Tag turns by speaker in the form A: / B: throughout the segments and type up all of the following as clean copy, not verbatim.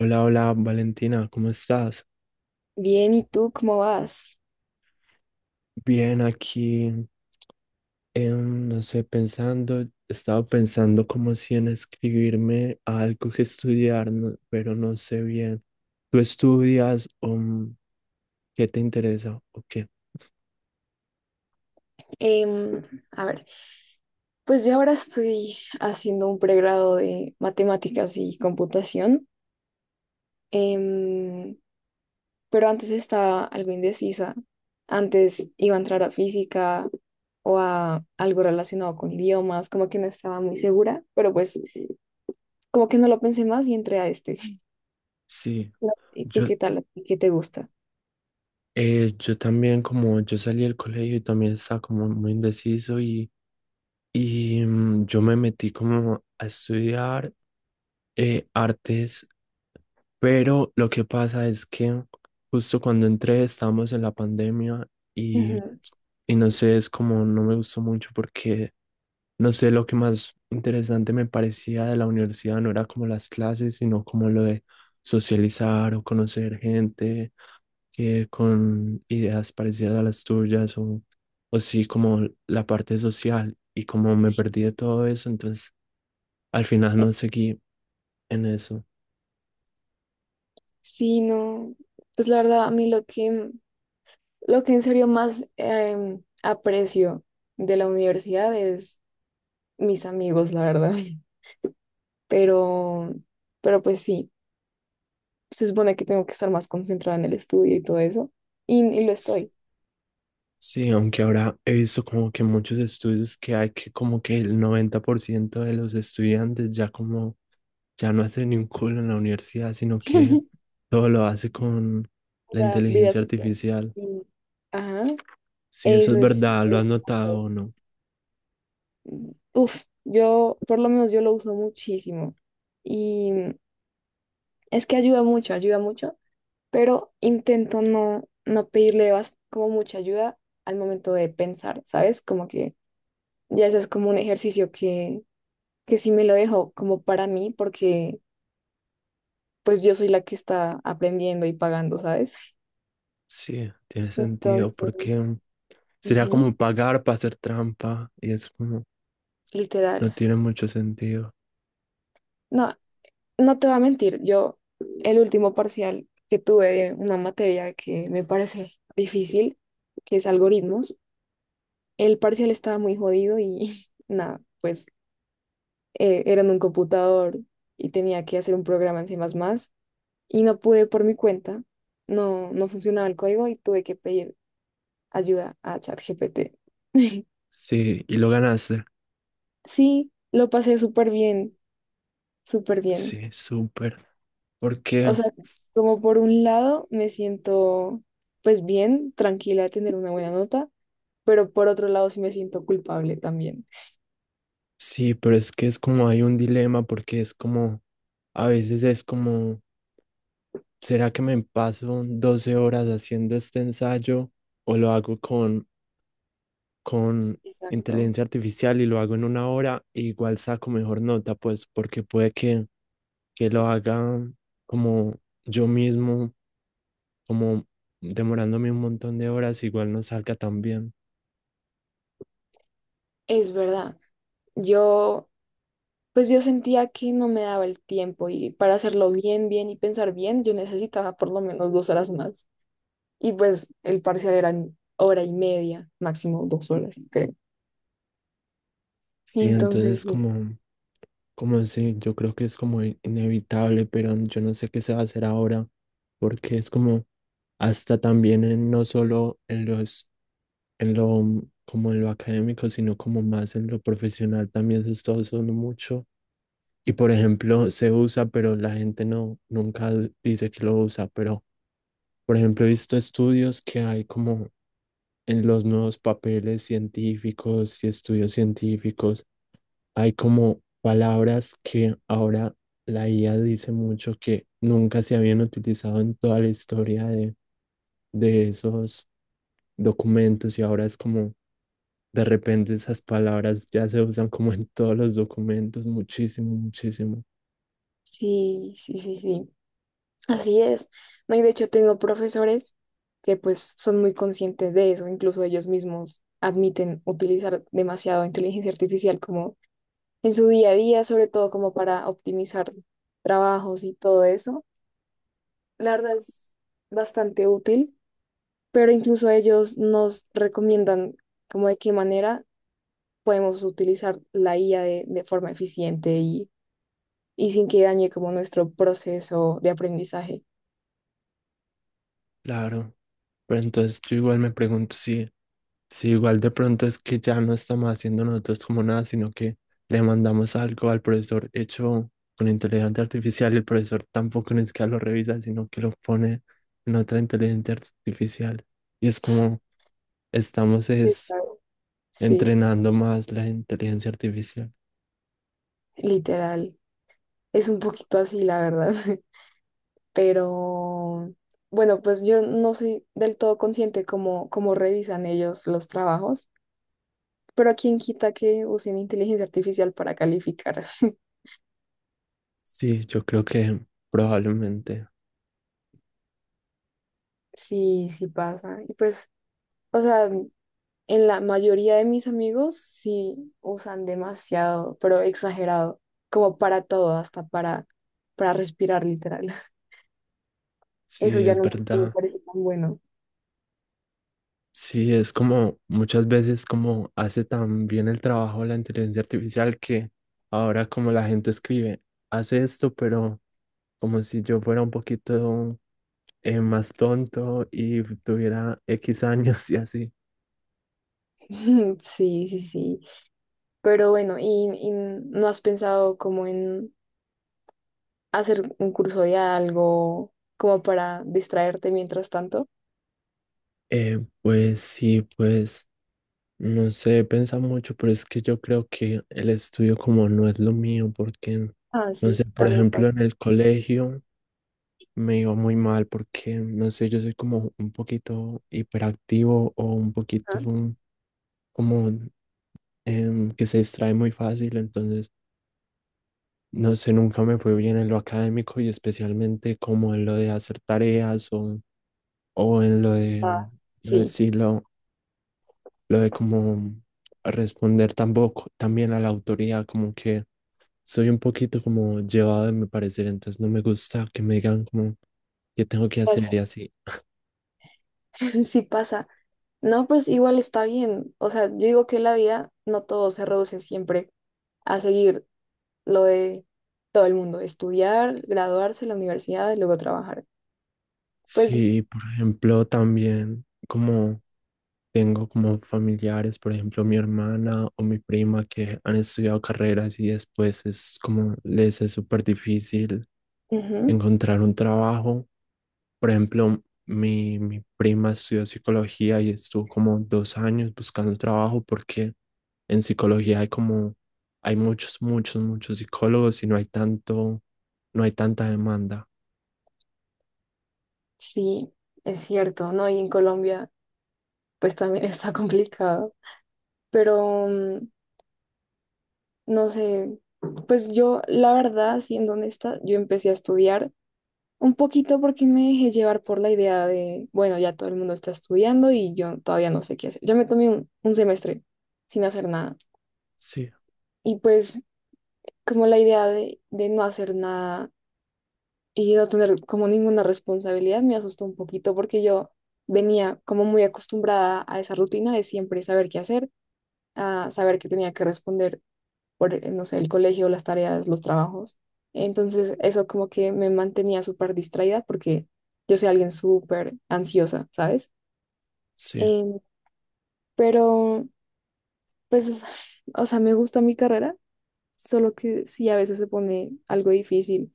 A: Hola, hola Valentina, ¿cómo estás?
B: Bien, ¿y tú cómo vas?
A: Bien, aquí, no sé, estaba pensando como si en escribirme a algo que estudiar, pero no sé bien. ¿Tú estudias o qué te interesa o qué?
B: Em, a ver, pues yo ahora estoy haciendo un pregrado de matemáticas y computación, em, pero antes estaba algo indecisa. Antes iba a entrar a física o a algo relacionado con idiomas, como que no estaba muy segura, pero pues como que no lo pensé más y entré a este.
A: Sí,
B: ¿Y tú
A: yo,
B: qué tal? ¿Qué te gusta?
A: yo también como yo salí del colegio y también estaba como muy indeciso y yo me metí como a estudiar artes. Pero lo que pasa es que justo cuando entré estábamos en la pandemia y,
B: Ujú.
A: y no sé, es como no me gustó mucho porque no sé, lo que más interesante me parecía de la universidad no era como las clases, sino como lo de socializar o conocer gente que con ideas parecidas a las tuyas o sí como la parte social y como me perdí de todo eso, entonces al final
B: Eh,
A: no seguí en eso.
B: Sí, no, pues la verdad, a mí lo que en serio más aprecio de la universidad es mis amigos, la verdad. Pero, pero pues sí, se supone que tengo que estar más concentrada en el estudio y todo eso, y lo estoy.
A: Sí, aunque ahora he visto como que muchos estudios que hay que como que el 90% de los estudiantes ya como ya no hacen ni un culo en la universidad, sino que todo lo hace con la
B: La vida
A: inteligencia
B: social.
A: artificial.
B: y- Ajá.
A: Si eso es
B: Eso es.
A: verdad, ¿lo has notado o no?
B: Uf, por lo menos yo lo uso muchísimo. Y es que ayuda mucho, pero intento no pedirle como mucha ayuda al momento de pensar, ¿sabes? Como que ya ese es como un ejercicio que sí me lo dejo como para mí, porque pues yo soy la que está aprendiendo y pagando, ¿sabes?
A: Sí, tiene sentido,
B: Entonces,
A: porque sería
B: ujú,
A: como pagar para hacer trampa y es como, no
B: literal.
A: tiene mucho sentido.
B: No, no te voy a mentir, yo el último parcial que tuve de una materia que me parece difícil, que es algoritmos, el parcial estaba muy jodido y nada, pues era en un computador y tenía que hacer un programa en C++ y no pude por mi cuenta, no funcionaba el código y tuve que pedir ayuda a ChatGPT.
A: Sí, y lo ganaste.
B: Sí, lo pasé súper bien, súper bien.
A: Sí, súper.
B: O
A: Porque
B: sea, como por un lado me siento pues bien, tranquila de tener una buena nota, pero por otro lado sí me siento culpable también.
A: sí, pero es que es como hay un dilema, porque es como a veces es como, ¿será que me paso 12 horas haciendo este ensayo o lo hago con
B: Exacto.
A: inteligencia artificial y lo hago en una hora e igual saco mejor nota? Pues porque puede que lo haga como yo mismo, como demorándome un montón de horas, igual no salga tan bien.
B: Es verdad. Yo pues yo sentía que no me daba el tiempo y para hacerlo bien, bien y pensar bien, yo necesitaba por lo menos 2 horas más. Y pues el parcial eran hora y media, máximo 2 horas, creo.
A: Sí, entonces
B: Entonces,
A: como, como así, yo creo que es como inevitable, pero yo no sé qué se va a hacer ahora, porque es como hasta también no solo en los, en lo, como en lo académico, sino como más en lo profesional también se está usando mucho. Y por ejemplo, se usa, pero la gente no, nunca dice que lo usa, pero por ejemplo, he visto estudios que hay como en los nuevos papeles científicos y estudios científicos hay como palabras que ahora la IA dice mucho que nunca se habían utilizado en toda la historia de esos documentos y ahora es como de repente esas palabras ya se usan como en todos los documentos, muchísimo, muchísimo.
B: sí, sí, sí, sí, sí. Así es. No, y de hecho tengo profesores que pues son muy conscientes de eso, incluso ellos mismos admiten utilizar demasiado inteligencia artificial como en su día a día, sobre todo como para optimizar trabajos y todo eso. La verdad es bastante útil, pero incluso ellos nos recomiendan como de qué manera podemos utilizar la IA de forma eficiente y sin que dañe como nuestro proceso de aprendizaje.
A: Claro, pero entonces yo igual me pregunto si sí, igual de pronto es que ya no estamos haciendo nosotros como nada, sino que le mandamos algo al profesor hecho con inteligencia artificial y el profesor tampoco ni siquiera lo revisa, sino que lo pone en otra inteligencia artificial. Y es como estamos es
B: Está- Sí,
A: entrenando más la inteligencia artificial.
B: literal. Es un poquito así, la verdad. Pero bueno, pues yo no soy del todo consciente cómo revisan ellos los trabajos, pero quién quita que usen inteligencia artificial para calificar.
A: Sí, yo creo que probablemente,
B: Sí, sí pasa. Y pues, o sea, en la mayoría de mis amigos sí usan demasiado, pero exagerado, como para todo, hasta para, respirar literal. Eso
A: sí,
B: ya
A: es
B: no me
A: verdad.
B: parece tan bueno.
A: Sí, es como muchas veces como hace tan bien el trabajo la inteligencia artificial que ahora como la gente escribe, hace esto, pero como si yo fuera un poquito más tonto y tuviera X años y así.
B: Sí, sí, sí. Pero bueno, y no has pensado como en hacer un curso de algo como para distraerte mientras tanto?
A: Pues sí, pues no sé, pensa mucho, pero es que yo creo que el estudio como no es lo mío, porque,
B: Ah,
A: no sé,
B: sí,
A: por
B: también pasa.
A: ejemplo, en el colegio. Me iba muy mal porque, no sé, yo soy como un poquito hiperactivo o un poquito
B: Ah,
A: como que se distrae muy fácil, entonces, no sé, nunca me fue bien en lo académico y especialmente como en lo de hacer tareas o en
B: ah,
A: lo de,
B: sí,
A: sí, lo de como responder tampoco, también a la autoridad, como que soy un poquito como llevado de mi parecer, entonces no me gusta que me digan como qué tengo que hacer
B: pasa.
A: y así.
B: Sí pasa. No, pues igual está bien. O sea, yo digo que la vida no todo se reduce siempre a seguir lo de todo el mundo, estudiar, graduarse en la universidad y luego trabajar. Pues
A: Sí, por ejemplo, también como tengo como familiares, por ejemplo, mi hermana o mi prima que han estudiado carreras y después es como les es súper difícil
B: ujú,
A: encontrar un trabajo. Por ejemplo, mi prima estudió psicología y estuvo como dos años buscando trabajo porque en psicología hay como, hay muchos, muchos, muchos psicólogos y no hay tanto, no hay tanta demanda.
B: sí, es cierto, ¿no? Y en Colombia, pues también está complicado. pero mm, no sé, pues yo la verdad, siendo honesta, yo empecé a estudiar un poquito porque me dejé llevar por la idea de, bueno, ya todo el mundo está estudiando y yo todavía no sé qué hacer. Yo me tomé un semestre sin hacer nada
A: Sí,
B: y pues como la idea de no hacer nada y no tener como ninguna responsabilidad me asustó un poquito porque yo venía como muy acostumbrada a esa rutina de siempre saber qué hacer, a saber que tenía que responder por, no sé, el colegio, las tareas, los trabajos. Entonces, eso como que me mantenía súper distraída porque yo soy alguien súper ansiosa, ¿sabes?
A: sí.
B: Em, pero, pues, o sea, me gusta mi carrera, solo que sí a veces se pone algo difícil.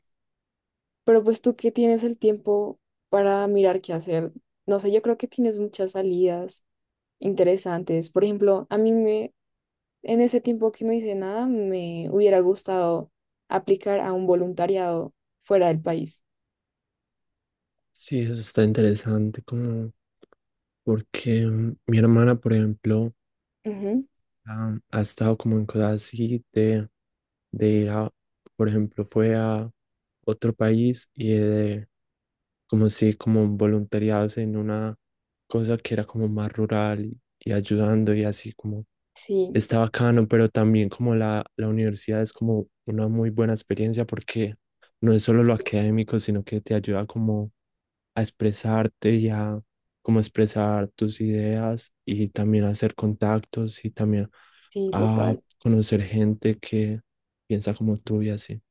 B: Pero pues tú que tienes el tiempo para mirar qué hacer, no sé, yo creo que tienes muchas salidas interesantes. Por ejemplo, en ese tiempo que no hice nada, me hubiera gustado aplicar a un voluntariado fuera del país.
A: Sí, eso está interesante, como porque mi hermana, por ejemplo,
B: Ujú.
A: ha, ha estado como en cosas así de ir a, por ejemplo, fue a otro país y de, como si, como voluntariados en una cosa que era como más rural y ayudando y así como
B: Sí,
A: está bacano, pero también como la universidad es como una muy buena experiencia porque no es solo lo académico, sino que te ayuda como a expresarte y a como expresar tus ideas y también hacer contactos y también
B: sí,
A: a
B: total.
A: conocer gente que piensa como tú y así.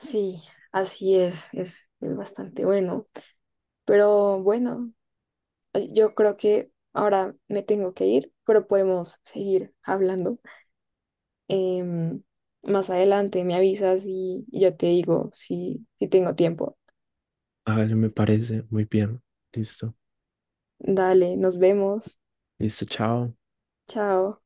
B: Sí, así es bastante bueno. Pero bueno, yo creo que ahora me tengo que ir, pero podemos seguir hablando. Em, Más adelante me avisas y yo te digo si tengo tiempo.
A: A ver, me parece muy bien. Listo.
B: Dale, nos vemos.
A: Listo, chao.
B: Chao.